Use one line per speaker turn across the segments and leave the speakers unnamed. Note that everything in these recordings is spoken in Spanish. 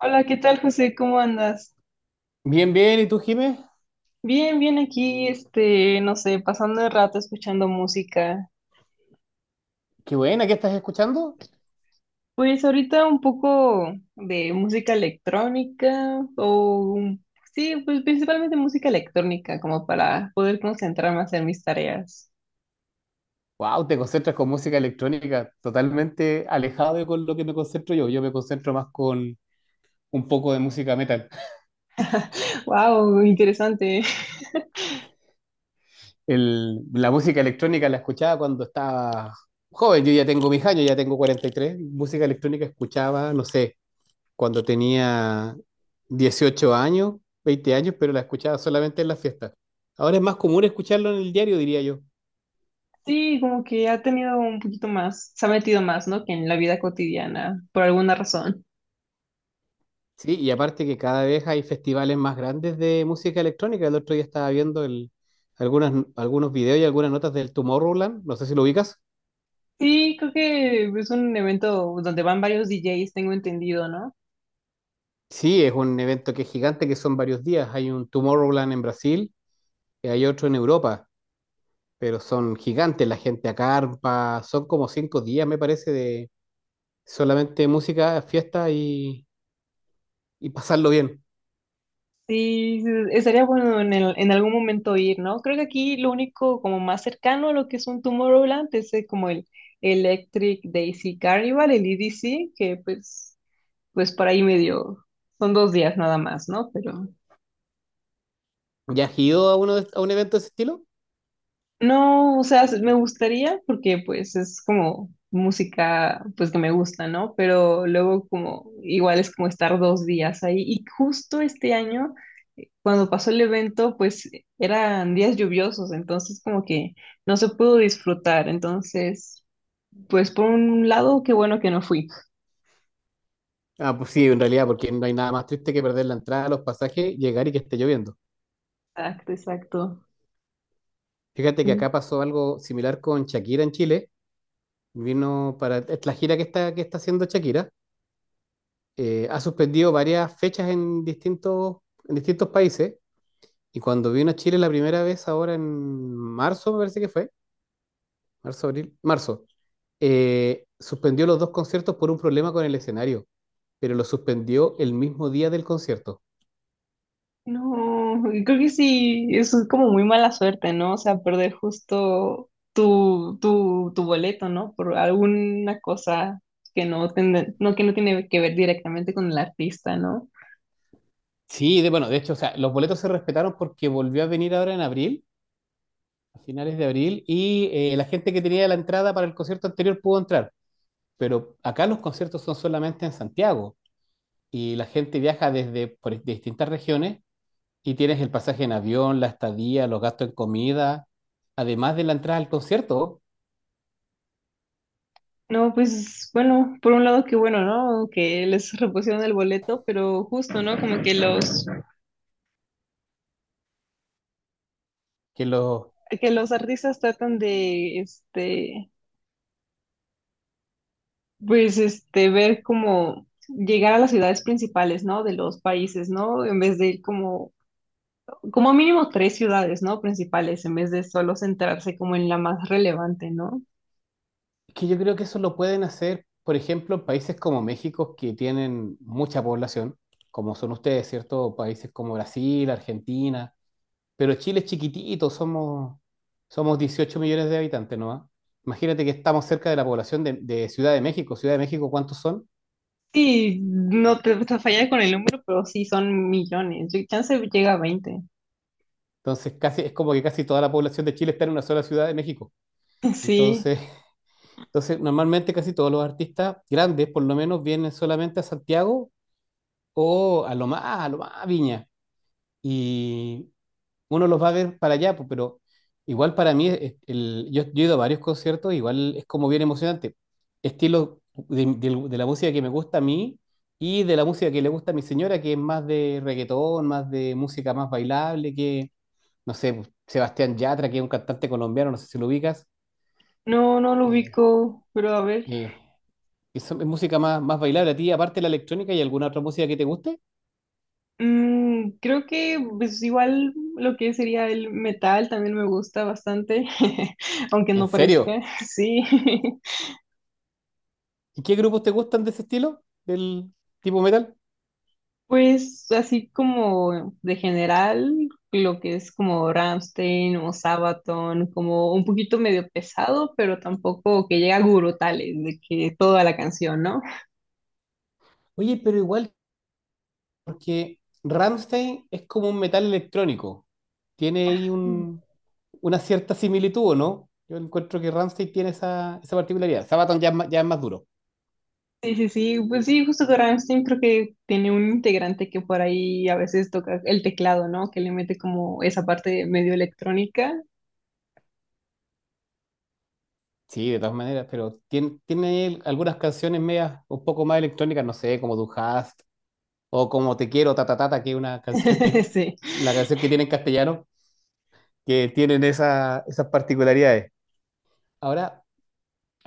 Hola, ¿qué tal, José? ¿Cómo andas?
Bien, bien. ¿Y tú, Jimé?
Bien, bien aquí, este, no sé, pasando el rato escuchando música.
Qué buena, ¿qué estás escuchando?
Pues ahorita un poco de música electrónica o sí, pues principalmente música electrónica como para poder concentrarme a hacer mis tareas.
Wow, te concentras con música electrónica, totalmente alejado de con lo que me concentro yo. Yo me concentro más con un poco de música metal.
Wow, interesante.
La música electrónica la escuchaba cuando estaba joven. Yo ya tengo mis años, ya tengo 43. Música electrónica escuchaba, no sé, cuando tenía 18 años, 20 años, pero la escuchaba solamente en las fiestas. Ahora es más común escucharlo en el diario, diría yo.
Sí, como que ha tenido un poquito más, se ha metido más, ¿no? Que en la vida cotidiana, por alguna razón.
Sí, y aparte que cada vez hay festivales más grandes de música electrónica. El otro día estaba viendo algunas, algunos videos y algunas notas del Tomorrowland. No sé si lo ubicas.
Sí, creo que es un evento donde van varios DJs, tengo entendido, ¿no?
Sí, es un evento que es gigante, que son varios días. Hay un Tomorrowland en Brasil y hay otro en Europa, pero son gigantes. La gente acampa, son como 5 días, me parece, de solamente música, fiesta y pasarlo bien.
Sí, sí, estaría bueno en en algún momento ir, ¿no? Creo que aquí lo único como más cercano a lo que es un Tomorrowland es como el Electric Daisy Carnival, el EDC, que pues por ahí medio, son 2 días nada más, ¿no? Pero,
¿Ya has ido a, uno a un evento de ese estilo?
no, o sea, me gustaría porque pues es como música pues que me gusta, ¿no? Pero luego como igual es como estar 2 días ahí. Y justo este año, cuando pasó el evento, pues eran días lluviosos, entonces como que no se pudo disfrutar. Entonces, pues por un lado, qué bueno que no fui.
Ah, pues sí, en realidad, porque no hay nada más triste que perder la entrada, los pasajes, llegar y que esté lloviendo.
Exacto, exacto.
Fíjate que acá pasó algo similar con Shakira en Chile. Vino para es la gira que está haciendo Shakira. Ha suspendido varias fechas en en distintos países. Y cuando vino a Chile la primera vez, ahora en marzo, me parece que fue, marzo, abril, marzo, suspendió los dos conciertos por un problema con el escenario, pero lo suspendió el mismo día del concierto.
No, y creo que sí, eso es como muy mala suerte, ¿no? O sea, perder justo tu boleto, ¿no? Por alguna cosa que no, no, que no tiene que ver directamente con el artista, ¿no?
Sí, de, bueno, de hecho, o sea, los boletos se respetaron porque volvió a venir ahora en abril, a finales de abril, y la gente que tenía la entrada para el concierto anterior pudo entrar. Pero acá los conciertos son solamente en Santiago y la gente viaja desde por distintas regiones y tienes el pasaje en avión, la estadía, los gastos en comida, además de la entrada al concierto,
No, pues bueno, por un lado que bueno, ¿no? Que les repusieron el boleto, pero justo, ¿no? Como que
que, los,
que los artistas tratan de, este, pues, este, ver como llegar a las ciudades principales, ¿no? De los países, ¿no? En vez de ir como mínimo tres ciudades, ¿no? Principales, en vez de solo centrarse como en la más relevante, ¿no?
que yo creo que eso lo pueden hacer, por ejemplo, en países como México, que tienen mucha población, como son ustedes, ¿cierto? Países como Brasil, Argentina, pero Chile es chiquitito, somos 18 millones de habitantes, ¿no? Imagínate que estamos cerca de la población de Ciudad de México. Ciudad de México, ¿cuántos son?
Sí, no te falla con el número, pero sí son millones. Chance llega a 20.
Entonces, casi, es como que casi toda la población de Chile está en una sola ciudad de México.
Sí,
Entonces, entonces, normalmente casi todos los artistas grandes, por lo menos, vienen solamente a Santiago o a lo más, a lo más a Viña. Y uno los va a ver para allá, pues, pero igual para mí, yo he ido a varios conciertos, igual es como bien emocionante. Estilo de la música que me gusta a mí y de la música que le gusta a mi señora, que es más de reggaetón, más de música más bailable, no sé, pues, Sebastián Yatra, que es un cantante colombiano, no sé si lo ubicas.
no, no lo
Eh,
ubico, pero a ver.
eh, Eso es música más, más bailable a ti, aparte de la electrónica y alguna otra música que te guste.
Creo que pues igual lo que sería el metal también me gusta bastante, aunque
¿En
no parezca,
serio?
sí.
¿Y qué grupos te gustan de ese estilo? ¿Del tipo metal?
Pues así como de general, lo que es como Rammstein o Sabaton, como un poquito medio pesado, pero tampoco que llega a gurutales de que toda la canción, ¿no?
Oye, pero igual, porque Rammstein es como un metal electrónico. Tiene ahí una cierta similitud, ¿o ¿no? Yo encuentro que Rammstein tiene esa particularidad. Sabaton ya, ya es más duro.
Sí, sí, sí, pues sí, justo que Rammstein creo que tiene un integrante que por ahí a veces toca el teclado, ¿no? Que le mete como esa parte medio electrónica.
Sí, de todas maneras, pero tiene él algunas canciones medias un poco más electrónicas, no sé, como Du Hast o como Te Quiero, ta ta ta, ta, que es una canción que,
Sí.
la canción que tiene en castellano, que tienen esas particularidades. Ahora,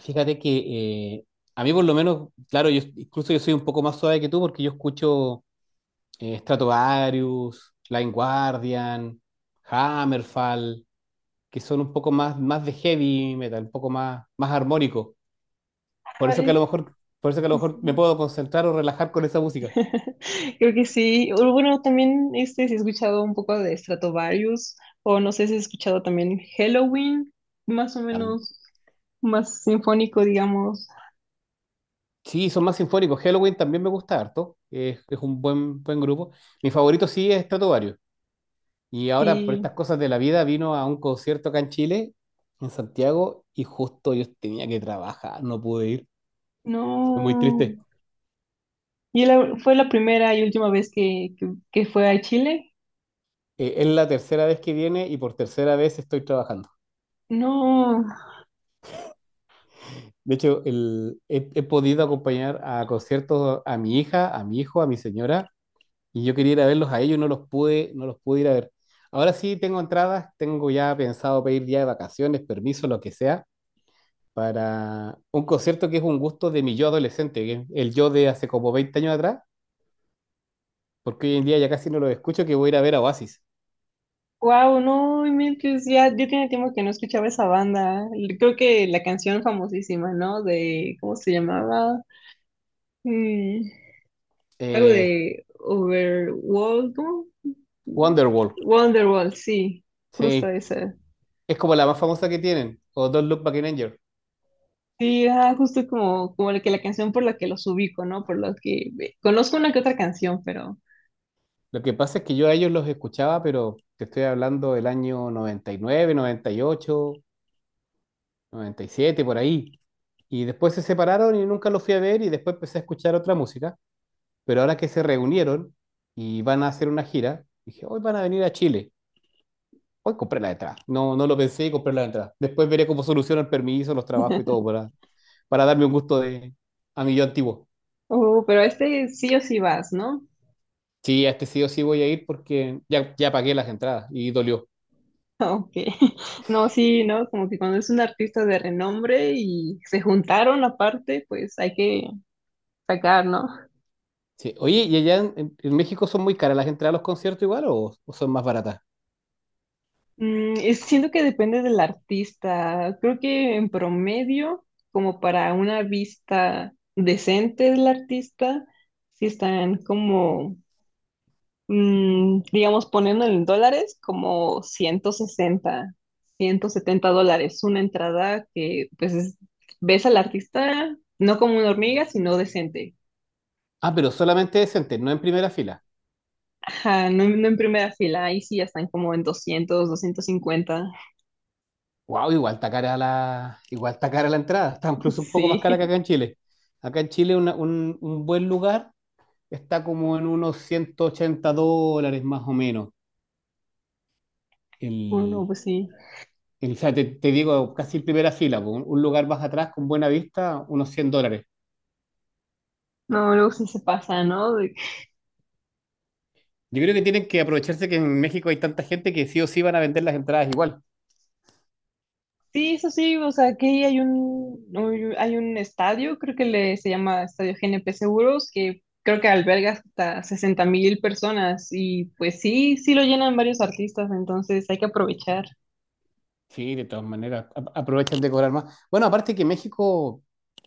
fíjate que a mí por lo menos, claro, incluso yo soy un poco más suave que tú porque yo escucho Stratovarius, Blind Guardian, Hammerfall, que son un poco más, más de heavy metal, un poco más, más armónico. Por eso que a lo
Ay,
mejor, por eso que a lo
sí,
mejor me
sí.
puedo concentrar o relajar con esa música.
Creo que sí. O bueno, también este, si he escuchado un poco de Stratovarius, o no sé si he escuchado también Halloween, más o
Am-
menos más sinfónico, digamos.
Sí, son más sinfónicos. Halloween también me gusta harto. Es un buen, buen grupo. Mi favorito sí es Stratovarius. Y ahora, por
Y
estas cosas de la vida, vino a un concierto acá en Chile, en Santiago, y justo yo tenía que trabajar, no pude ir. Fue muy
no.
triste.
Y fue la primera y última vez que fue a Chile.
Es la tercera vez que viene y por tercera vez estoy trabajando.
No,
De hecho, he podido acompañar a conciertos a mi hija, a mi hijo, a mi señora y yo quería ir a verlos a ellos y no los pude ir a ver. Ahora sí tengo entradas, tengo ya pensado pedir ya de vacaciones, permiso, lo que sea, para un concierto que es un gusto de mi yo adolescente, que es el yo de hace como 20 años atrás, porque hoy en día ya casi no lo escucho, que voy a ir a ver a Oasis.
wow, no, inventes, ya, ya tiene tiempo que no escuchaba esa banda. Creo que la canción famosísima, ¿no? De, ¿cómo se llamaba? Mm, Algo
Eh,
de Overworld,
Wonderwall,
Wonderwall, sí, justo
sí,
esa.
es como la más famosa que tienen, o Don't Look Back in Anger.
Sí, ah, justo como, la que la canción por la que los ubico, ¿no? Por lo que conozco una que otra canción, pero.
Lo que pasa es que yo a ellos los escuchaba, pero te estoy hablando del año 99, 98, 97, por ahí. Y después se separaron y nunca los fui a ver y después empecé a escuchar otra música. Pero ahora que se reunieron y van a hacer una gira, dije, hoy van a venir a Chile. Hoy compré la entrada. No, no lo pensé y compré la entrada. Después veré cómo soluciono el permiso, los trabajos y todo para darme un gusto de, a mi yo antiguo.
Oh, pero a este sí o sí vas, ¿no?
Sí, a este sí o sí voy a ir porque ya, ya pagué las entradas y dolió.
Ok. No, sí, ¿no? Como que cuando es un artista de renombre y se juntaron aparte, pues hay que sacar, ¿no?
Sí. Oye, ¿y allá en México son muy caras las entradas a los conciertos igual o son más baratas?
Siento que depende del artista. Creo que en promedio, como para una vista decente del artista, si están como, digamos, poniendo en dólares, como $160-$170. Una entrada que, pues, ves al artista no como una hormiga, sino decente.
Ah, pero solamente decentes, no en primera fila.
Ajá, no, no en primera fila. Ahí sí ya están como en 200-250.
Wow, igual está cara la, igual está cara la entrada, está incluso un poco más cara
Sí.
que acá en Chile. Acá en Chile un buen lugar está como en unos 180 dólares más o menos.
Bueno,
El,
pues sí.
o sea, te digo, casi primera fila, po, un lugar más atrás con buena vista, unos 100 dólares.
No, luego sí se pasa, ¿no?
Yo creo que tienen que aprovecharse que en México hay tanta gente que sí o sí van a vender las entradas igual.
Sí, eso sí, o sea, aquí hay hay un estadio, creo que le, se llama Estadio GNP Seguros, que creo que alberga hasta 60,000 personas y pues sí, sí lo llenan varios artistas, entonces hay que aprovechar.
Sí, de todas maneras, aprovechan de cobrar más. Bueno, aparte que México,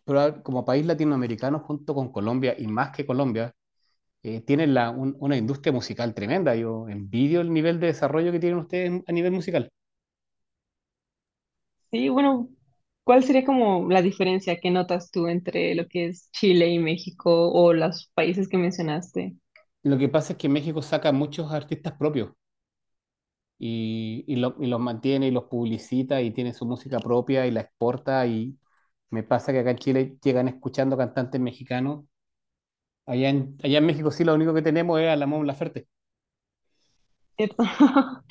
como país latinoamericano junto con Colombia y más que Colombia, tienen una industria musical tremenda. Yo envidio el nivel de desarrollo que tienen ustedes en- a nivel musical.
Sí, bueno, ¿cuál sería como la diferencia que notas tú entre lo que es Chile y México o los países que mencionaste?
Lo que pasa es que México saca muchos artistas propios y y los mantiene y los publicita y tiene su música propia y la exporta. Y me pasa que acá en Chile llegan escuchando cantantes mexicanos. Allá allá en México sí lo único que tenemos es a la Mon Laferte.
¿Cierto?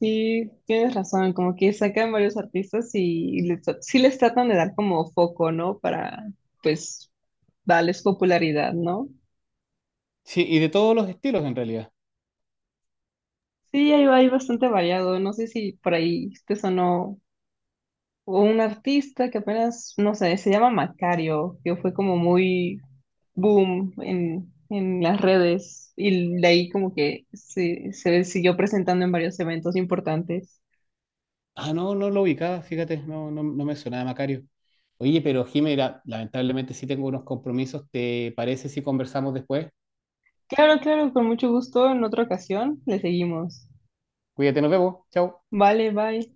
Sí, tienes razón, como que sacan varios artistas y sí les tratan de dar como foco, ¿no? Para, pues, darles popularidad, ¿no?
Sí, y de todos los estilos en realidad.
Sí, hay bastante variado, no sé si por ahí te sonó un artista que apenas, no sé, se llama Macario, que fue como muy boom en las redes y de ahí como que se siguió presentando en varios eventos importantes.
Ah, no, no lo ubicaba, fíjate, no, no, no me sonaba Macario. Oye, pero Jimena, lamentablemente sí tengo unos compromisos. ¿Te parece si conversamos después?
Claro, claro, con mucho gusto, en otra ocasión le seguimos.
Cuídate, nos vemos. Chao.
Vale, bye.